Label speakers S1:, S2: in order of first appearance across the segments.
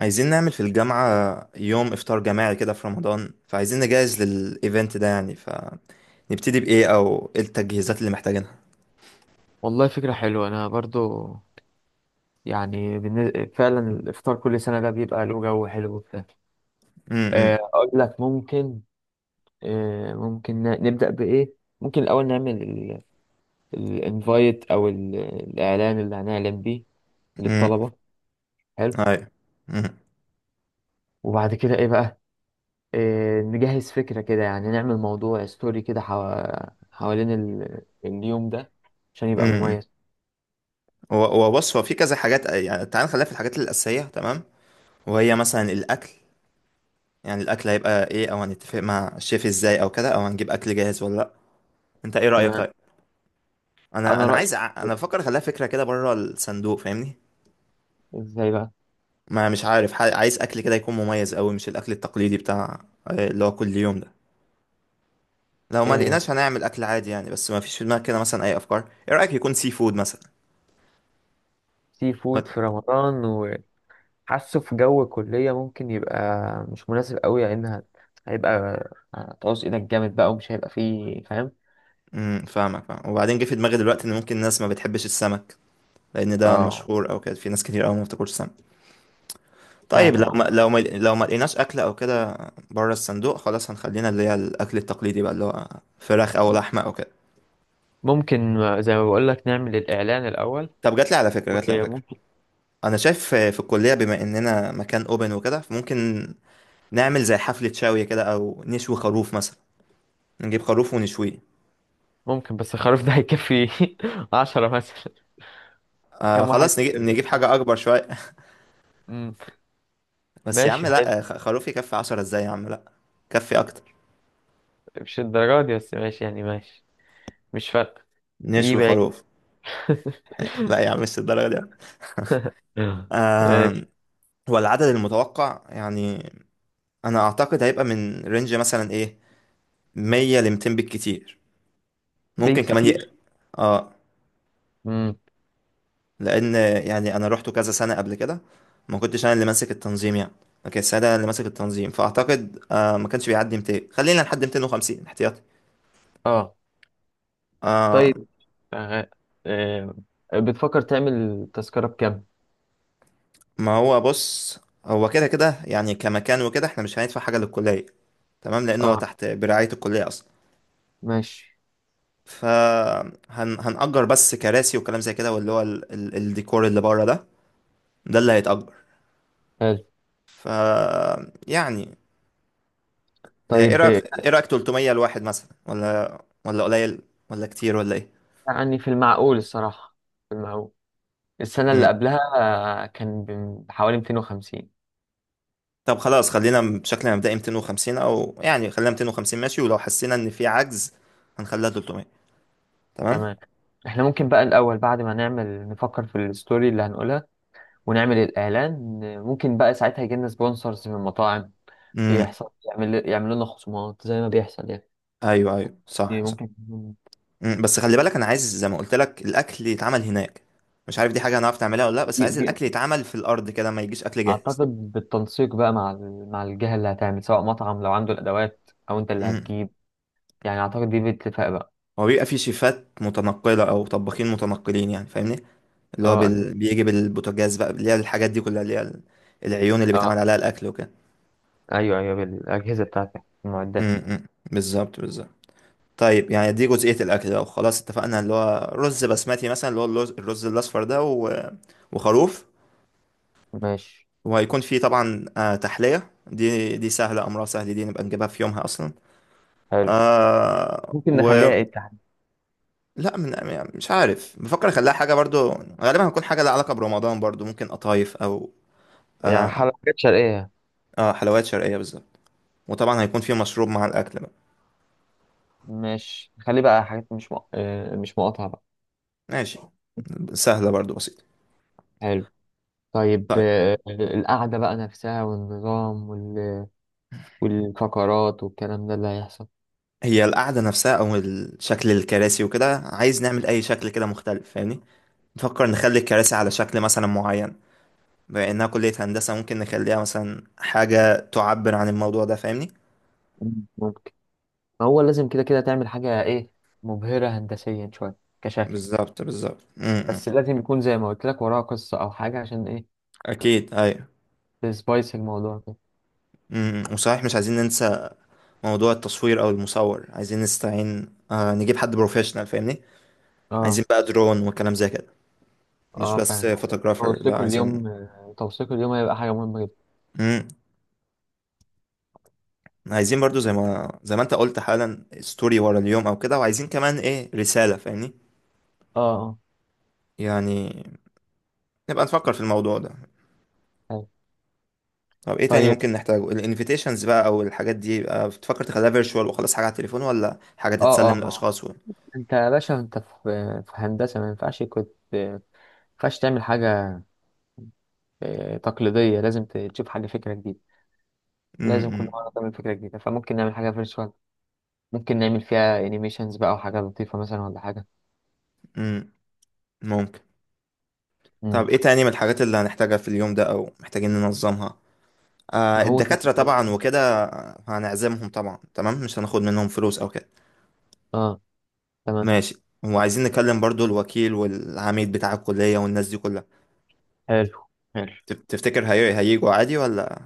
S1: عايزين نعمل في الجامعة يوم إفطار جماعي كده في رمضان، فعايزين نجهز للإيفنت ده يعني. فنبتدي بإيه أو إيه التجهيزات اللي محتاجينها؟
S2: والله فكرة حلوة. أنا برضو فعلا الإفطار كل سنة ده بيبقى له جو حلو وبتاع.
S1: امم.
S2: أقول لك ممكن. ممكن نبدأ بإيه. ممكن الأول نعمل الانفايت أو الإعلان اللي هنعلن بيه
S1: امم.
S2: للطلبة. حلو.
S1: أيوة. امم.
S2: وبعد كده إيه بقى؟ نجهز فكرة كده، يعني نعمل موضوع ستوري كده حوالين اليوم ده عشان يبقى
S1: امم.
S2: مميز.
S1: وبص، هو في كذا حاجات يعني، تعال نخليها في الحاجات الأساسية. تمام. وهي مثلا الأكل، يعني الأكل هيبقى إيه، أو هنتفق مع الشيف إزاي أو كده، أو هنجيب أكل جاهز ولا لأ؟ أنت إيه رأيك
S2: تمام.
S1: طيب؟
S2: أنا رأيي
S1: أنا
S2: إيه؟
S1: بفكر أخليها فكرة كده بره الصندوق فاهمني؟
S2: إزاي بقى؟
S1: ما مش عارف، عايز اكل كده يكون مميز قوي، مش الاكل التقليدي بتاع اللي هو كل يوم ده. لو ما
S2: آه،
S1: لقيناش هنعمل اكل عادي يعني، بس ما فيش في دماغك كده مثلا اي افكار؟ ايه رايك يكون سي فود مثلا؟
S2: سي فود في
S1: و-
S2: رمضان؟ حاسه في جو الكلية ممكن يبقى مش مناسب قوي، لأنها هيبقى هتعوز إيدك جامد بقى، ومش هيبقى فيه فاهم.
S1: امم. فاهمك فاهم، وبعدين جه في دماغي دلوقتي ان ممكن الناس ما بتحبش السمك، لان ده
S2: اه،
S1: مشهور او كده، في ناس كتير قوي ما بتاكلش سمك. طيب لو
S2: فعلا.
S1: ما لو ما لو ما لقيناش اكل او كده بره الصندوق، خلاص هنخلينا اللي هي الاكل التقليدي بقى اللي هو فراخ او لحمه او كده.
S2: ممكن زي ما بقول لك، نعمل الإعلان الأول.
S1: طب جات لي على فكره جات لي على فكره،
S2: وممكن،
S1: انا شايف في الكليه بما اننا مكان اوبن وكده، فممكن نعمل زي حفلة شاوية كده أو نشوي خروف مثلا، نجيب خروف ونشويه.
S2: ممكن بس خلاص ده هيكفي 10 مثلا.
S1: آه
S2: كم
S1: خلاص،
S2: واحد؟
S1: نجيب حاجة أكبر شوية.
S2: مم.
S1: بس يا عم
S2: ماشي، حلو.
S1: لأ، خروف يكفي عشرة إزاي؟ يا عم لأ، كفي أكتر،
S2: مش الدرجة دي، بس ماشي يعني ماشي. مش فارقة. دي
S1: نشوي
S2: باقي.
S1: خروف. لأ يا عم مش الدرجة دي.
S2: ماشي.
S1: آه. هو العدد المتوقع يعني، أنا أعتقد هيبقى من رينج مثلا إيه، مية لمتين بالكتير. ممكن كمان
S2: بالكتير.
S1: ي... اه.
S2: مم.
S1: لان، يعني انا روحته كذا سنه قبل كده، ما كنتش انا اللي ماسك التنظيم يعني، ما كانش انا اللي ماسك التنظيم. فاعتقد ما كانش بيعدي 200، خلينا لحد 250 احتياطي.
S2: اه.
S1: آه.
S2: طيب، شغال. آه، بتفكر تعمل تذكرة بكام؟
S1: ما هو بص، هو كده كده يعني كمكان وكده احنا مش هندفع حاجه للكليه، تمام، لانه هو
S2: اه.
S1: تحت برعايه الكليه اصلا.
S2: ماشي.
S1: فهنأجر بس كراسي وكلام زي كده، واللي هو ال الديكور اللي بره ده، ده اللي هيتأجر.
S2: حلو.
S1: ف يعني، ايه
S2: طيب.
S1: رايك؟ 300 لواحد مثلا، ولا قليل، ولا كتير، ولا ايه؟
S2: يعني في المعقول الصراحة، في المعقول. السنة اللي
S1: مم.
S2: قبلها كان بحوالي 250.
S1: طب خلاص خلينا بشكل مبدئي 250، او يعني خلينا 250 ماشي، ولو حسينا ان في عجز هنخليها 300. تمام.
S2: تمام. احنا ممكن بقى الأول، بعد ما نعمل نفكر في الستوري اللي هنقولها ونعمل الإعلان، ممكن بقى ساعتها يجيلنا سبونسرز من المطاعم،
S1: امم.
S2: يحصل يعملوا لنا خصومات زي ما بيحصل يعني.
S1: ايوه ايوه
S2: دي
S1: صح صح.
S2: ممكن.
S1: مم. بس خلي بالك انا عايز زي ما قلت لك الاكل يتعمل هناك، مش عارف دي حاجه هنعرف نعملها ولا لا، بس عايز الاكل يتعمل في الارض كده، ما يجيش اكل جاهز.
S2: اعتقد بالتنسيق بقى مع مع الجهه اللي هتعمل، سواء مطعم لو عنده الادوات او انت اللي
S1: امم.
S2: هتجيب. يعني اعتقد دي باتفاق بقى.
S1: هو بيبقى في شيفات متنقله او طباخين متنقلين يعني، فاهمني، اللي هو
S2: اه اكيد.
S1: بال... بيجي بالبوتاجاز بقى، اللي هي الحاجات دي كلها اللي هي العيون اللي بيتعمل
S2: اه
S1: عليها الاكل وكده.
S2: ايوه ايوه، بالاجهزه بتاعتك، المعدات.
S1: امم. بالظبط بالظبط. طيب يعني دي جزئية الأكل، لو خلاص اتفقنا اللي هو رز بسمتي مثلا اللي هو الرز الأصفر ده، و... وخروف.
S2: ماشي.
S1: وهيكون فيه طبعا تحلية، دي سهلة، أمرها سهل، دي نبقى نجيبها في يومها أصلا.
S2: حلو.
S1: آه
S2: ممكن
S1: و
S2: نخليها ايه تحت؟
S1: لا من يعني، مش عارف بفكر أخليها حاجة برضو، غالبا هتكون حاجة لها علاقة برمضان برضو، ممكن قطايف أو
S2: يعني
S1: آه,
S2: حاجه، حاجات شرقيه.
S1: آه حلويات شرقية بالظبط. وطبعا هيكون فيه مشروب مع الأكل.
S2: ماشي، خلي بقى حاجات مش مق... آه، مش مقاطعة بقى.
S1: ماشي. سهلة برضو بسيطة.
S2: حلو. طيب.
S1: طيب،
S2: القعدة بقى نفسها والنظام والفقرات والكلام ده اللي هيحصل.
S1: هي القعدة نفسها، أو شكل الكراسي وكده، عايز نعمل أي شكل كده مختلف فاهمني، نفكر نخلي الكراسي على شكل مثلا معين. بما إنها كلية هندسة ممكن نخليها مثلا حاجة تعبر عن الموضوع ده فاهمني.
S2: ممكن. ما هو لازم كده كده تعمل حاجة ايه، مبهرة هندسيا شوية كشكل.
S1: بالظبط بالظبط. م-
S2: بس
S1: م.
S2: لازم يكون زي ما قلت لك وراها قصة أو حاجة، عشان إيه،
S1: أكيد أيوة.
S2: تسبايس الموضوع كده.
S1: م- م. وصحيح مش عايزين ننسى موضوع التصوير أو المصور، عايزين نستعين نجيب حد بروفيشنال فاهمني،
S2: اه
S1: عايزين بقى درون وكلام زي كده، مش
S2: اه
S1: بس
S2: فعلا.
S1: فوتوغرافر، لا
S2: توثيق
S1: عايزين.
S2: اليوم، توثيق اليوم هيبقى حاجة مهمة جدا.
S1: عايزين برضو زي ما انت قلت حالا ستوري ورا اليوم او كده، وعايزين كمان ايه رسالة فاهمني.
S2: اه اه.
S1: يعني نبقى نفكر في الموضوع ده.
S2: حلو.
S1: طب ايه تاني
S2: طيب.
S1: ممكن نحتاجه؟ الانفيتيشنز بقى، او الحاجات دي بقى، بتفكر تخليها فيرتشوال وخلاص حاجة على التليفون، ولا حاجة
S2: اه
S1: تتسلم
S2: اه. ما هو
S1: للاشخاص و...؟
S2: انت يا باشا، انت في، في هندسة، ما ينفعش كنت ما ينفعش تعمل حاجة تقليدية. لازم تشوف حاجة، فكرة جديدة. لازم كل
S1: امم.
S2: مرة تعمل فكرة جديدة. فممكن نعمل حاجة فيرتشوال، ممكن نعمل فيها انيميشنز بقى وحاجة لطيفة مثلا، ولا حاجة.
S1: امم. ممكن. طب
S2: مم.
S1: ايه تاني من الحاجات اللي هنحتاجها في اليوم ده او محتاجين ننظمها؟
S2: ما هو ت-
S1: الدكاترة طبعا وكده، هنعزمهم طبعا، تمام، مش هناخد منهم فلوس او كده.
S2: اه. تمام.
S1: ماشي. وعايزين نكلم برضو الوكيل والعميد بتاع الكلية والناس دي كلها.
S2: حلو حلو.
S1: تفتكر هي... هيجوا عادي ولا؟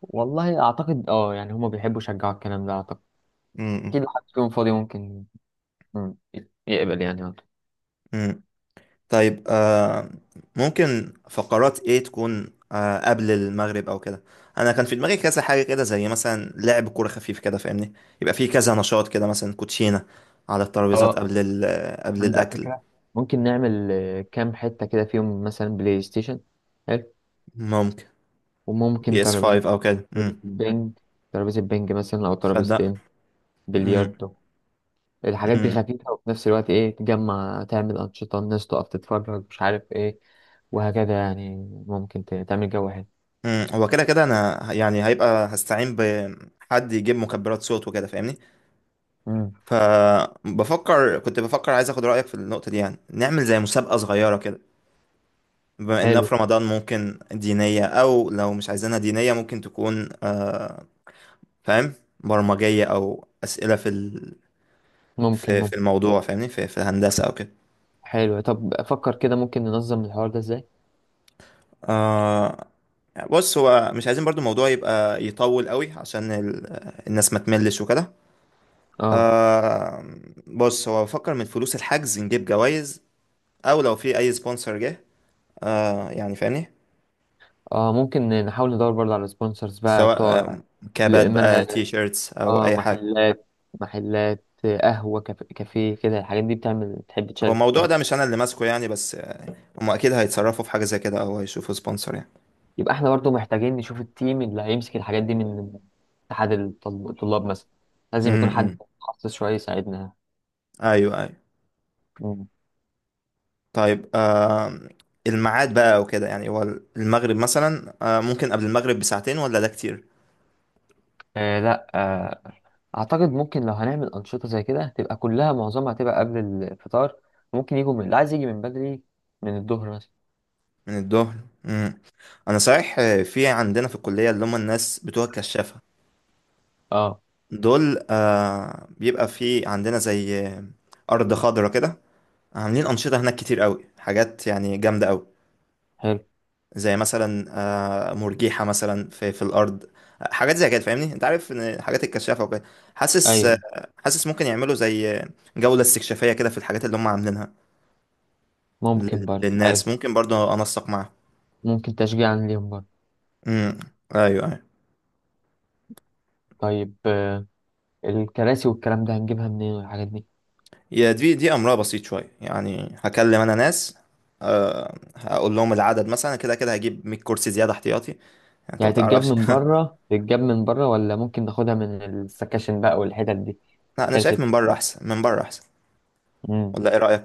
S2: والله اعتقد اه، يعني هما بيحبوا يشجعوا الكلام ده اعتقد.
S1: امم.
S2: اكيد لو حد فيهم فاضي ممكن، مم، يقبل يعني عنده.
S1: امم. طيب ممكن فقرات ايه تكون قبل المغرب او كده؟ انا كان في دماغي كذا حاجه كده، زي مثلا لعب كوره خفيف كده فاهمني، يبقى في كذا نشاط كده مثلا كوتشينه على الترابيزات
S2: اه.
S1: قبل ال... قبل
S2: نبدأ
S1: الاكل.
S2: فكرة. ممكن نعمل كام حتة كده فيهم، مثلا بلاي ستيشن. حلو.
S1: ممكن
S2: وممكن
S1: بي اس
S2: ترابيزة،
S1: 5 او كده.
S2: ترابيزة
S1: امم.
S2: بينج ترابيزة بينج مثلا، أو
S1: صدق.
S2: ترابيزتين،
S1: امم.
S2: بلياردو. الحاجات دي
S1: امم.
S2: خفيفة وفي نفس الوقت إيه، تجمع، تعمل أنشطة، الناس تقف تتفرج، مش عارف إيه، وهكذا يعني. ممكن تعمل جو حلو.
S1: امم. هو كده كده انا يعني هيبقى هستعين بحد يجيب مكبرات صوت وكده فاهمني.
S2: مم.
S1: كنت بفكر عايز اخد رأيك في النقطة دي، يعني نعمل زي مسابقة صغيرة كده، بما انها
S2: حلو.
S1: في رمضان ممكن دينية، او لو مش عايزينها دينية ممكن تكون فاهم، برمجية او اسئلة في ال...
S2: ممكن،
S1: في
S2: ممكن.
S1: الموضوع فاهمني، في الهندسة او كده.
S2: حلو. طب افكر كده، ممكن ننظم الحوار ده ازاي.
S1: آه. بص هو مش عايزين برضو الموضوع يبقى يطول قوي عشان ال... الناس ما تملش وكده.
S2: اه
S1: آه. بص هو بفكر من فلوس الحجز نجيب جوائز، او لو في اي سبونسر جه يعني فاهمني،
S2: اه. ممكن نحاول ندور برضه على سبونسرز بقى
S1: سواء
S2: بتوع.
S1: كابات
S2: ل- ما
S1: بقى تي شيرتس او
S2: اه،
S1: اي حاجه.
S2: محلات، محلات قهوة، كافيه، كده. الحاجات دي بتعمل، تحب
S1: هو
S2: تشارك في
S1: الموضوع
S2: الكلام.
S1: ده مش انا اللي ماسكه يعني، بس هم اكيد هيتصرفوا في حاجه زي كده او هيشوفوا سبونسر يعني.
S2: يبقى احنا برضه محتاجين نشوف التيم اللي هيمسك الحاجات دي من اتحاد الطلاب مثلا. لازم يكون حد
S1: امم.
S2: متخصص شوية يساعدنا.
S1: ايوه ايوه. طيب آه. الميعاد بقى وكده يعني، هو المغرب مثلا، ممكن قبل المغرب بساعتين ولا ده كتير؟
S2: لا. اعتقد ممكن، لو هنعمل انشطه زي كده تبقى كلها، معظمها هتبقى قبل الفطار. ممكن يجوا من، اللي عايز يجي من بدري، من الظهر مثلا.
S1: من الظهر. امم. انا صحيح في عندنا في الكليه اللي هم الناس بتوع الكشافه
S2: اه.
S1: دول، بيبقى في عندنا زي ارض خضراء كده، عاملين انشطه هناك كتير قوي، حاجات يعني جامده قوي،
S2: حلو.
S1: زي مثلا مرجيحة مثلا في الأرض، حاجات زي كده فاهمني، انت عارف ان الحاجات الكشافة وكده. حاسس آه،
S2: ايوه.
S1: حاسس ممكن يعملوا زي جولة استكشافية كده في الحاجات اللي هم عاملينها
S2: ممكن برضه،
S1: للناس،
S2: حلو.
S1: ممكن برضو انسق معاهم.
S2: ممكن تشجيعا ليهم برضه.
S1: امم. ايوه ايوه.
S2: طيب. الكراسي والكلام ده هنجيبها منين، والحاجات دي؟
S1: يا دي، دي امرها بسيط شوية يعني، هكلم انا ناس، هقول لهم العدد مثلا، كده كده هجيب 100 كرسي زيادة احتياطي يعني، انت ما
S2: يعني
S1: تعرفش.
S2: تتجاب من بره، ولا ممكن ناخدها من السكاشن بقى والحتت دي؟
S1: لا انا
S2: كراسي.
S1: شايف من بره احسن، من بره احسن.
S2: مم.
S1: ولا ايه رأيك؟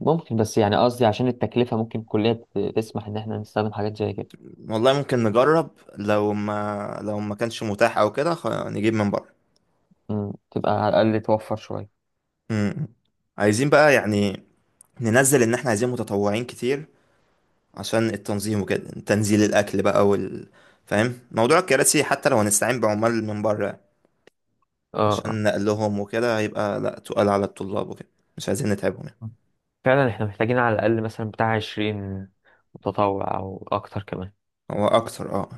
S2: ممكن، بس يعني قصدي عشان التكلفه ممكن الكليه تسمح ان احنا نستخدم حاجات زي كده.
S1: والله ممكن نجرب، لو ما كانش متاح او كده، نجيب من بره.
S2: تبقى على الاقل توفر شويه.
S1: مم. عايزين بقى يعني ننزل ان احنا عايزين متطوعين كتير عشان التنظيم وكده، تنزيل الاكل بقى فاهم موضوع الكراسي، حتى لو هنستعين بعمال من بره عشان
S2: اه.
S1: نقلهم وكده، هيبقى لا تقال على الطلاب وكده، مش عايزين نتعبهم يعني.
S2: آه. فعلا، احنا محتاجين على الأقل مثلا بتاع 20 متطوع، أو أكتر كمان.
S1: هو اكتر، اه.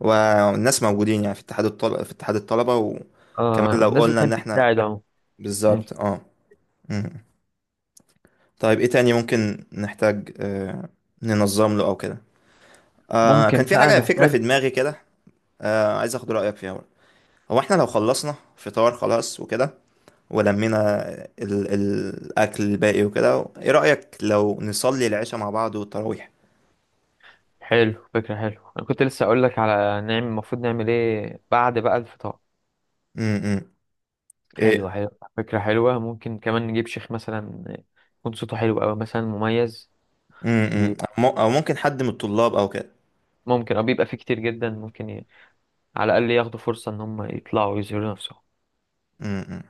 S1: والناس موجودين يعني في اتحاد الطلبة، وكمان
S2: اه.
S1: لو
S2: الناس
S1: قلنا ان
S2: بتحب
S1: احنا
S2: تساعد اهو. مم.
S1: بالظبط اه. مم. طيب ايه تاني ممكن نحتاج ننظم له او كده؟ كان
S2: ممكن
S1: في
S2: بقى
S1: حاجة فكرة في
S2: نحتاج.
S1: دماغي كده، عايز اخد رأيك فيها برضه. هو احنا لو خلصنا فطار خلاص وكده، ولمينا الاكل الباقي وكده، ايه رأيك لو نصلي العشاء مع بعض والتراويح؟
S2: حلو، فكرة حلو. أنا كنت لسه أقول لك على نعمل، المفروض نعمل إيه بعد بقى الفطار.
S1: امم.
S2: حلو
S1: ايه.
S2: حلو. فكرة حلوة. ممكن كمان نجيب شيخ مثلا، يكون صوته حلو أوي مثلا، مميز. ي-
S1: امم. او أو ممكن حد من الطلاب او كده.
S2: ممكن، أو بيبقى فيه كتير جدا ممكن ي... على الأقل ياخدوا فرصة إن هم يطلعوا ويظهروا نفسهم.
S1: امم.